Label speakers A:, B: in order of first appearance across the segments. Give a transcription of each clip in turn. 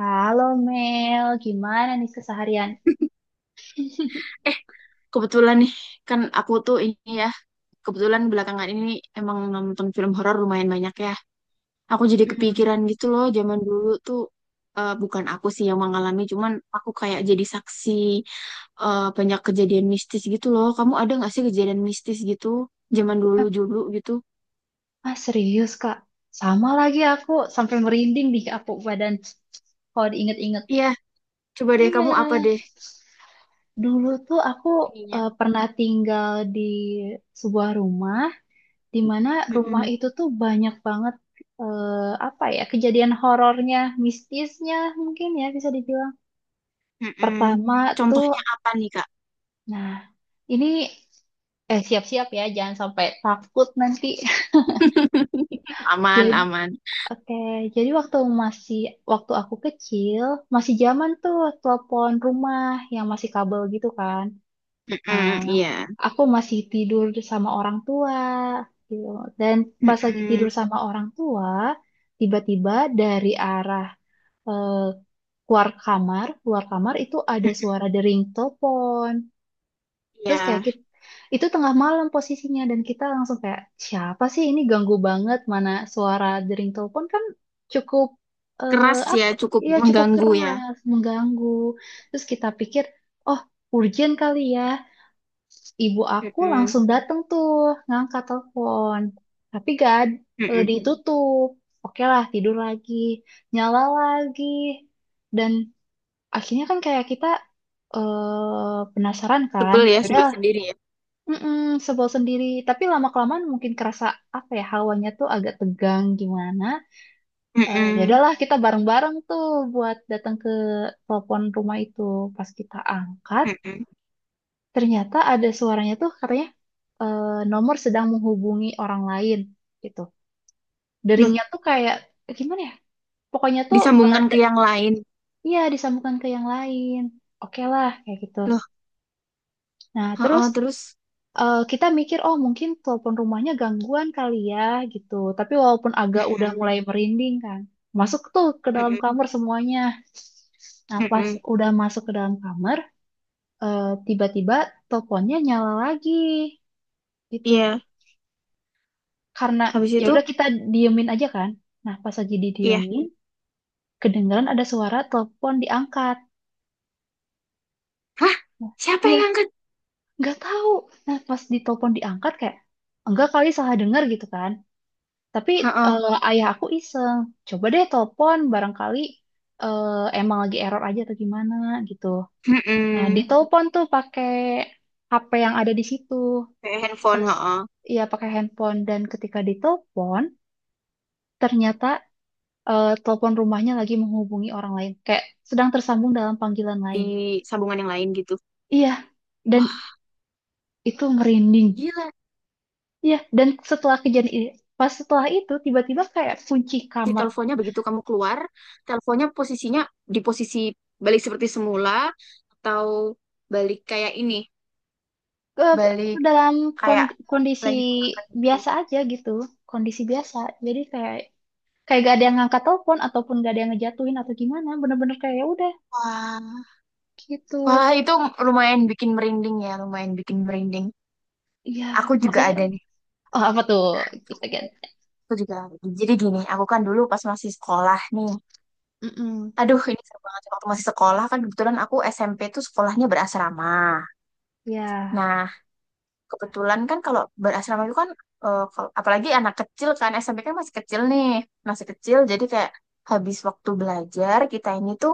A: Halo Mel, gimana nih keseharian?
B: Eh, kebetulan nih, kan aku tuh ini ya, kebetulan belakangan ini emang nonton film horor lumayan banyak ya. Aku jadi
A: Hmm.
B: kepikiran gitu loh, zaman dulu tuh eh, bukan aku sih yang mengalami, cuman aku kayak jadi saksi eh, banyak kejadian mistis gitu loh. Kamu ada nggak sih kejadian mistis gitu zaman dulu
A: Ah,
B: dulu gitu?
A: serius Kak, sama lagi aku sampai merinding di aku badan kalau diinget-inget.
B: Iya, coba deh
A: Iya,
B: kamu apa deh
A: dulu tuh aku
B: ininya?
A: pernah tinggal di sebuah rumah di mana rumah
B: Mm-mm,
A: itu tuh banyak banget apa ya kejadian horornya, mistisnya mungkin ya bisa dibilang.
B: mm-mm.
A: Pertama tuh.
B: Contohnya apa nih Kak?
A: Nah, ini siap-siap ya, jangan sampai takut nanti.
B: Aman,
A: Jadi,
B: aman.
A: oke, jadi masih waktu aku kecil, masih zaman tuh telepon rumah yang masih kabel gitu kan. Nah,
B: Mm-mm, iya.
A: aku masih tidur sama orang tua gitu. Dan pas lagi tidur
B: Mm-mm,
A: sama orang tua, tiba-tiba dari arah eh, keluar kamar itu ada
B: mm-mm,
A: suara dering telepon. Terus kayak
B: iya.
A: kita, itu tengah malam posisinya, dan kita langsung kayak siapa sih ini, ganggu banget, mana suara dering telepon kan cukup eh,
B: Keras ya,
A: apa
B: cukup
A: ya cukup
B: mengganggu ya.
A: keras mengganggu. Terus kita pikir, oh, urgent kali ya. Ibu aku
B: Mm-mm.
A: langsung datang tuh ngangkat telepon. Tapi gak ad-
B: Mm-mm.
A: ditutup. Oke lah, tidur lagi, nyala lagi. Dan akhirnya kan kayak kita penasaran kan.
B: Sebel ya, sebel
A: Yaudah
B: sendiri ya.
A: mm sebel sendiri. Tapi lama-kelamaan mungkin kerasa apa ya, hawanya tuh agak tegang gimana. Ya
B: Mm-mm.
A: udahlah, kita bareng-bareng tuh buat datang ke telepon rumah itu. Pas kita angkat,
B: Mm-mm.
A: ternyata ada suaranya tuh katanya nomor sedang menghubungi orang lain gitu.
B: Loh,
A: Deringnya tuh kayak gimana ya? Pokoknya tuh
B: disambungkan
A: menanda,
B: ke yang lain.
A: iya, disambungkan ke yang lain. Oke lah, kayak gitu.
B: Loh,
A: Nah terus.
B: heeh, terus.
A: Kita mikir, oh, mungkin telepon rumahnya gangguan kali ya gitu. Tapi walaupun agak udah mulai
B: Mm-mm.
A: merinding kan, masuk tuh ke dalam
B: Mm-mm.
A: kamar semuanya. Nah, pas
B: Mm-mm.
A: udah masuk ke dalam kamar, tiba-tiba teleponnya nyala lagi gitu.
B: Iya,
A: Karena
B: habis
A: ya
B: itu,
A: udah, kita diemin aja kan. Nah, pas lagi
B: iya.
A: didiemin, kedengaran ada suara telepon diangkat.
B: Hah?
A: Nah,
B: Siapa yang
A: iya,
B: ngangkat?
A: nggak tahu. Nah, pas ditelepon diangkat kayak enggak kali, salah dengar gitu kan. Tapi
B: Heeh.
A: ayah aku iseng, coba deh telepon barangkali eh, emang lagi error aja atau gimana gitu. Nah,
B: Mm-mm.
A: ditelepon tuh pakai HP yang ada di situ.
B: Kayak handphone,
A: Pas
B: heeh.
A: ya pakai handphone, dan ketika ditelepon, ternyata telepon rumahnya lagi menghubungi orang lain, kayak sedang tersambung dalam panggilan
B: Di
A: lain.
B: sambungan yang lain gitu.
A: Iya, dan
B: Wah,
A: itu merinding.
B: gila.
A: Iya, dan setelah kejadian ini, pas setelah itu tiba-tiba kayak kunci
B: Si
A: kamar
B: teleponnya begitu kamu keluar, teleponnya posisinya di posisi balik seperti semula, atau balik kayak ini,
A: ke
B: balik
A: dalam
B: kayak
A: kondisi
B: lagi diangkat gitu.
A: biasa aja gitu, kondisi biasa, jadi kayak kayak gak ada yang ngangkat telepon ataupun gak ada yang ngejatuhin atau gimana, bener-bener kayak ya udah
B: Wah,
A: gitu
B: wah itu lumayan bikin merinding ya, lumayan bikin merinding.
A: ya,
B: Aku juga
A: makanya,
B: ada nih.
A: oh, apa tuh, kita kan.
B: Aku juga ada. Jadi gini, aku kan dulu pas masih sekolah nih.
A: Mm-mm.
B: Aduh, ini seru banget. Waktu masih sekolah kan kebetulan aku SMP tuh sekolahnya berasrama.
A: Ya,
B: Nah, kebetulan kan kalau berasrama itu kan apalagi anak kecil kan SMP kan masih kecil nih, masih kecil. Jadi kayak habis waktu belajar kita ini tuh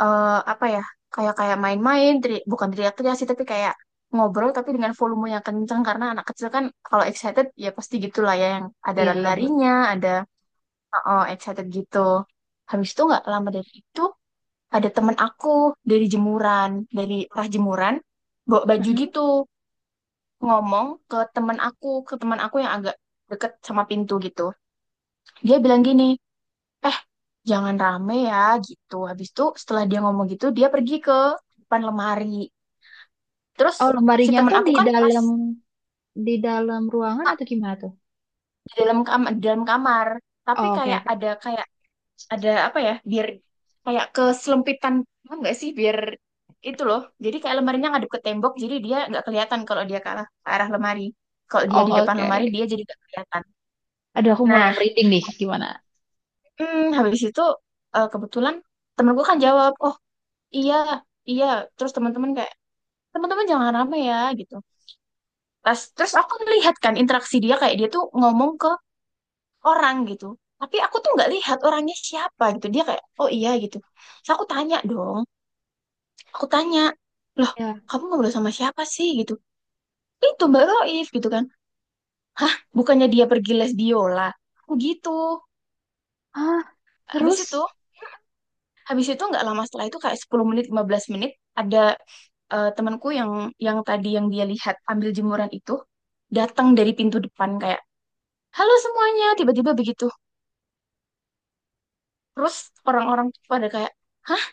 B: eh, apa ya, kayak kayak main-main bukan teriak-teriak sih tapi kayak ngobrol tapi dengan volume yang kencang karena anak kecil kan kalau excited ya pasti gitulah ya, yang ada
A: ya, be-
B: lari-larinya, ada oh, excited gitu. Habis itu nggak lama dari itu ada temen aku dari jemuran, dari arah jemuran bawa baju
A: Mm-mm.
B: gitu, ngomong ke temen aku ke teman aku yang agak deket sama pintu gitu. Dia bilang gini, eh jangan rame ya. Gitu, habis itu setelah dia ngomong gitu dia pergi ke depan lemari. Terus
A: Oh,
B: si
A: lemarinya
B: temen
A: tuh
B: aku
A: di
B: kan pas
A: dalam di dalam ruangan atau gimana tuh.
B: di dalam kamar, tapi
A: Oh, oke,
B: kayak
A: oke.
B: ada apa ya, biar kayak keselempitan, paham nggak sih? Biar itu loh. Jadi kayak lemarinya ngadep ke tembok, jadi dia nggak kelihatan kalau dia ke arah lemari. Kalau dia di
A: Oh,
B: depan
A: oke.
B: lemari, dia jadi nggak kelihatan.
A: Aduh, aku mulai
B: Nah,
A: merinding nih, gimana
B: habis itu eh, kebetulan temenku kan jawab, oh iya, iya. Terus teman-teman jangan rame ya gitu. Terus aku melihat kan interaksi dia, kayak dia tuh ngomong ke orang gitu tapi aku tuh nggak lihat orangnya siapa gitu, dia kayak oh iya gitu. Terus aku tanya dong, aku tanya loh,
A: ya.
B: kamu ngobrol sama siapa sih gitu. Eh, itu Mbak Roif gitu kan, bukannya dia pergi les biola? Aku gitu.
A: Ah,
B: habis
A: terus.
B: itu habis itu nggak lama setelah itu kayak 10 menit 15 menit, ada eh, temanku yang tadi yang dia lihat ambil jemuran itu datang dari pintu depan kayak halo semuanya tiba-tiba begitu. Terus orang-orang tuh pada kayak hah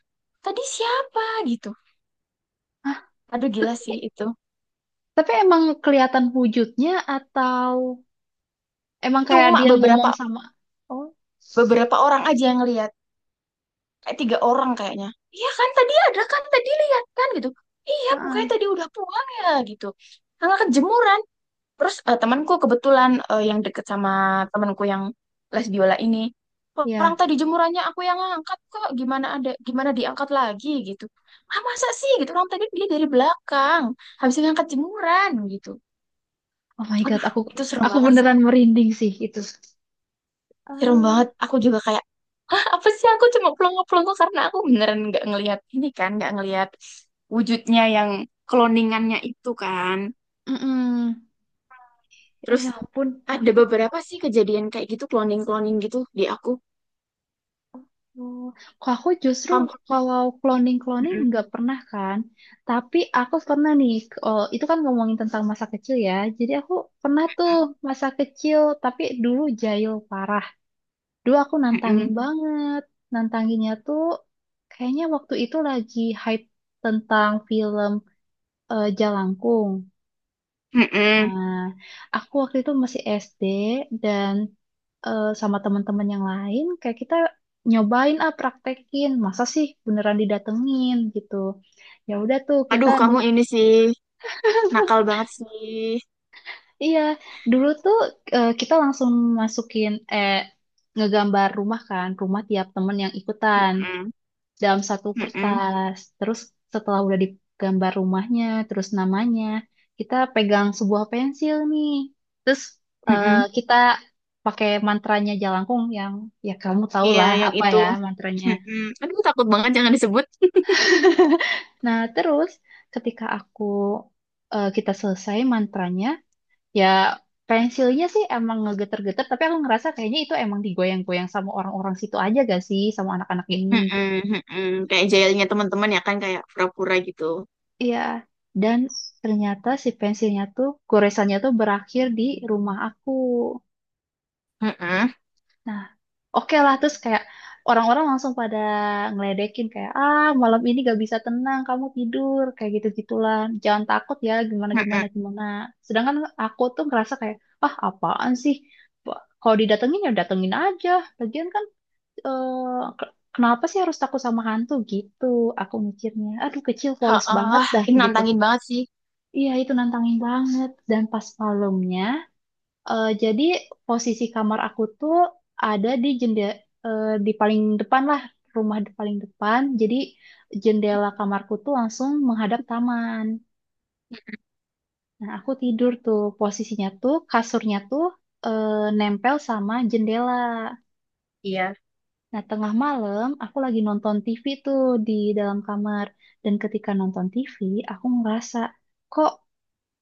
B: tadi siapa gitu.
A: Hah?
B: Aduh gila sih itu.
A: Tapi emang kelihatan wujudnya, atau emang kayak
B: Cuma
A: dia
B: beberapa
A: ngomong sama. Oh,
B: beberapa orang aja yang lihat. Kayak tiga orang kayaknya. Iya kan tadi ada kan, tadi lihat kan gitu. Iya bukannya
A: ah,
B: tadi udah pulang ya gitu. Karena kejemuran. Terus eh, temanku kebetulan eh, yang deket sama temanku yang les biola ini. Orang
A: ya.
B: tadi jemurannya aku yang angkat kok. Gimana ada, gimana diangkat lagi gitu. Ah masa sih gitu, orang tadi dia dari belakang. Habis ngangkat jemuran gitu.
A: Oh my God,
B: Aduh
A: aku
B: itu serem
A: aku
B: banget sih.
A: beneran merinding sih itu.
B: Serem
A: Ah,
B: banget. Aku juga kayak apa sih, aku cuma pelongo-pelongo karena aku beneran nggak ngelihat ini kan, nggak ngelihat wujudnya yang cloningannya itu kan.
A: mm-mm. Ya,
B: Terus
A: ya ampun,
B: ada
A: takut.
B: beberapa sih kejadian kayak gitu, cloning-cloning gitu di aku.
A: Loh. Kok aku justru
B: Kamu.
A: kalau cloning-cloning
B: Mm-mm.
A: nggak pernah kan. Tapi aku pernah nih, oh, itu kan ngomongin tentang masa kecil ya. Jadi aku pernah tuh, masa kecil, tapi dulu jahil parah. Dulu aku nantangin
B: Mm-mm.
A: banget. Nantanginnya tuh kayaknya waktu itu lagi hype tentang film Jalangkung.
B: Mm-mm.
A: Nah, aku waktu itu masih SD, dan sama teman-teman yang lain kayak kita nyobain, ah praktekin. Masa sih beneran didatengin gitu. Ya udah tuh kita
B: Aduh kamu
A: nu-
B: ini sih, nakal banget sih.
A: Iya, dulu tuh kita langsung masukin eh ngegambar rumah kan, rumah tiap temen yang ikutan,
B: Mm-mm.
A: dalam satu
B: Mm-mm.
A: kertas. Terus setelah udah digambar rumahnya, terus namanya, kita pegang sebuah pensil nih. Terus
B: Mm-mm.
A: kita pakai mantranya Jalangkung yang ya, kamu tau
B: Iya
A: lah
B: yang
A: apa
B: itu.
A: ya mantranya.
B: Mm-mm. Aduh takut banget, jangan disebut.
A: Nah, terus ketika kita selesai mantranya, ya pensilnya sih emang ngegeter-geter, tapi aku ngerasa kayaknya itu emang digoyang-goyang sama orang-orang situ aja gak sih, sama anak-anak ini.
B: Mm-mm. Mm-mm. Kayak jailnya teman-teman ya kan, kayak pura-pura gitu.
A: Iya, dan ternyata si pensilnya tuh goresannya tuh berakhir di rumah aku.
B: Mm-mm.
A: Nah, oke lah, terus kayak orang-orang langsung pada ngeledekin kayak, ah, malam ini gak bisa tenang, kamu tidur kayak gitu-gitulah. Jangan takut ya, gimana gimana
B: Mm-mm.
A: gimana. Sedangkan aku tuh ngerasa kayak, ah, apaan sih? Kalau didatengin, ya datengin aja. Lagian kan eh, ke- kenapa sih harus takut sama hantu gitu? Aku mikirnya, aduh, kecil polos banget
B: Heeh,
A: dah
B: ini
A: gitu.
B: nantangin banget sih.
A: Iya, itu nantangin banget. Dan pas malamnya, jadi posisi kamar aku tuh ada di jendela, di paling depan lah, rumah di paling depan. Jadi jendela kamarku tuh langsung menghadap taman. Nah, aku tidur tuh, posisinya tuh kasurnya tuh eh, nempel sama jendela.
B: Iya.
A: Nah, tengah malam aku lagi nonton TV tuh di dalam kamar. Dan ketika nonton TV, aku ngerasa kok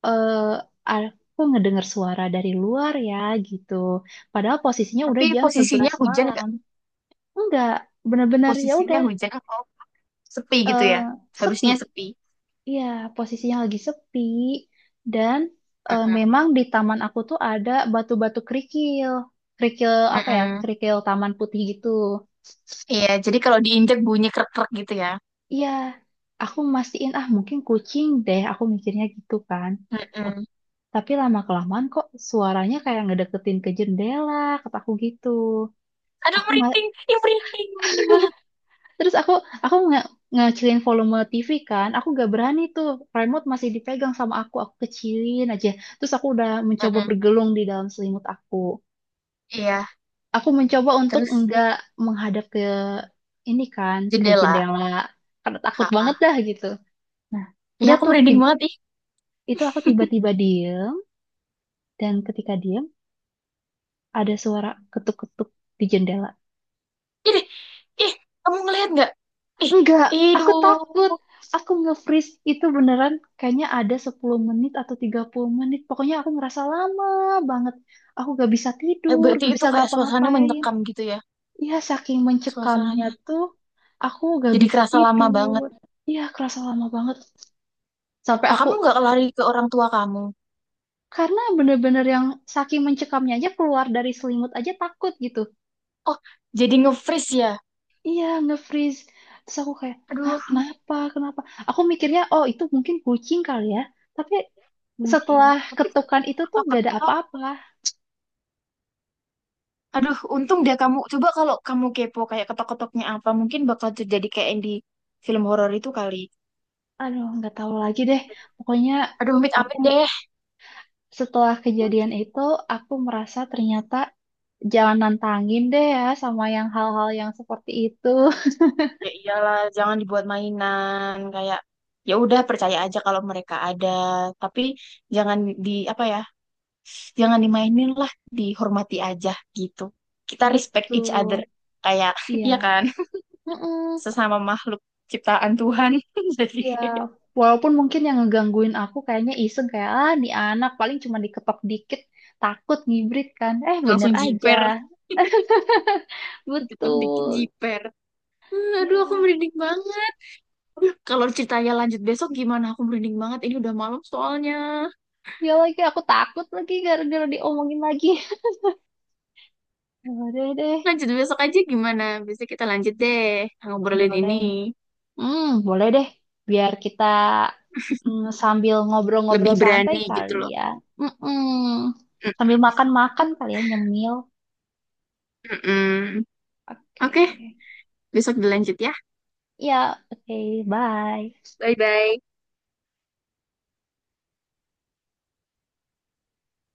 A: eh ah, aku ngedengar suara dari luar ya gitu. Padahal posisinya udah
B: Tapi
A: jam
B: posisinya
A: 11
B: hujan
A: malam.
B: nggak?
A: Enggak, benar-benar ya
B: Posisinya
A: udah
B: hujan atau sepi
A: eh,
B: gitu ya. Harusnya
A: sepi.
B: sepi.
A: Iya, posisinya lagi sepi, dan
B: Mm-mm.
A: memang di taman aku tuh ada batu-batu kerikil. Kerikil apa ya?
B: Mm-mm.
A: Kerikil taman putih gitu.
B: Iya, jadi kalau diinjak bunyi krek-krek gitu ya.
A: Iya, aku mastiin, ah mungkin kucing deh, aku mikirnya gitu kan. Ta-
B: Mm-mm.
A: Tapi lama kelamaan kok suaranya kayak ngedeketin ke jendela, kataku gitu.
B: Aduh,
A: aku ma-
B: merinding. Ih, merinding. Merinding banget.
A: Terus aku ngecilin volume TV kan, aku gak berani tuh, remote masih dipegang sama aku kecilin aja. Terus aku udah mencoba
B: Mm-mm.
A: bergelung di dalam selimut aku
B: Iya,
A: aku mencoba untuk
B: terus
A: enggak menghadap ke ini kan, ke
B: jendela.
A: jendela, karena takut banget
B: Ha.
A: dah gitu. Nah,
B: Ya,
A: udah
B: aku
A: tuh
B: merinding banget. Ih,
A: itu aku tiba-tiba diem, dan ketika diem, ada suara ketuk-ketuk di jendela.
B: ih, deh. Ih, kamu ngelihat nggak? Ih,
A: Enggak, aku takut.
B: aduh.
A: Aku nge-freeze itu beneran kayaknya ada 10 menit atau 30 menit. Pokoknya aku ngerasa lama banget. Aku gak bisa
B: Eh,
A: tidur,
B: berarti
A: gak
B: itu
A: bisa
B: kayak suasananya
A: ngapa-ngapain.
B: mencekam gitu ya.
A: Iya, saking mencekamnya
B: Suasananya.
A: tuh, aku gak
B: Jadi
A: bisa
B: kerasa lama banget.
A: tidur. Iya, kerasa lama banget. Sampai
B: Oh,
A: aku,
B: kamu nggak lari ke orang tua kamu?
A: karena bener-bener yang saking mencekamnya, aja keluar dari selimut aja takut gitu.
B: Oh, jadi nge-freeze ya?
A: Iya, nge-freeze. Terus aku kayak, ah,
B: Aduh,
A: kenapa, kenapa? Aku mikirnya, oh, itu mungkin kucing kali ya. Tapi
B: mungkin.
A: setelah
B: Tapi kalau
A: ketukan itu tuh gak ada
B: ketok-ketok,
A: apa-apa.
B: aduh, untung dia kamu. Coba kalau kamu kepo kayak ketok-ketoknya apa, mungkin bakal terjadi kayak yang di film horor itu kali.
A: Aduh, nggak tahu lagi deh. Pokoknya
B: Aduh,
A: aku,
B: amit-amit deh.
A: setelah kejadian itu, aku merasa ternyata jangan nantangin deh ya sama yang hal-hal yang seperti itu.
B: Ya iyalah, jangan dibuat mainan. Kayak ya udah percaya aja kalau mereka ada, tapi jangan di apa ya? Jangan dimainin lah, dihormati aja gitu. Kita respect each
A: Betul.
B: other. Kayak,
A: Iya.
B: iya kan?
A: Mm-mm.
B: Sesama makhluk ciptaan Tuhan jadi
A: Iya.
B: kayak
A: Walaupun mungkin yang ngegangguin aku kayaknya iseng kayak, ah, nih anak paling cuma diketok dikit, takut ngibrit kan. Eh, bener
B: langsung
A: aja.
B: jiper dikit-dikit
A: Betul.
B: jiper. Aduh aku
A: Ya.
B: merinding banget. Aduh, kalau ceritanya lanjut besok gimana, aku merinding banget, ini udah malam soalnya.
A: Ya lagi, aku takut lagi gara-gara diomongin lagi. Boleh deh,
B: Lanjut besok aja gimana, besok kita lanjut deh ngobrolin ini,
A: boleh. Hmm, boleh deh. Biar kita, sambil
B: lebih
A: ngobrol-ngobrol santai
B: berani gitu
A: kali
B: loh.
A: ya. Mm-mm. Sambil makan-makan
B: Mm-mm.
A: kali ya, nyemil.
B: Mm-mm.
A: Oke.
B: Oke, besok dilanjut ya.
A: Ya, oke. Bye.
B: Bye-bye.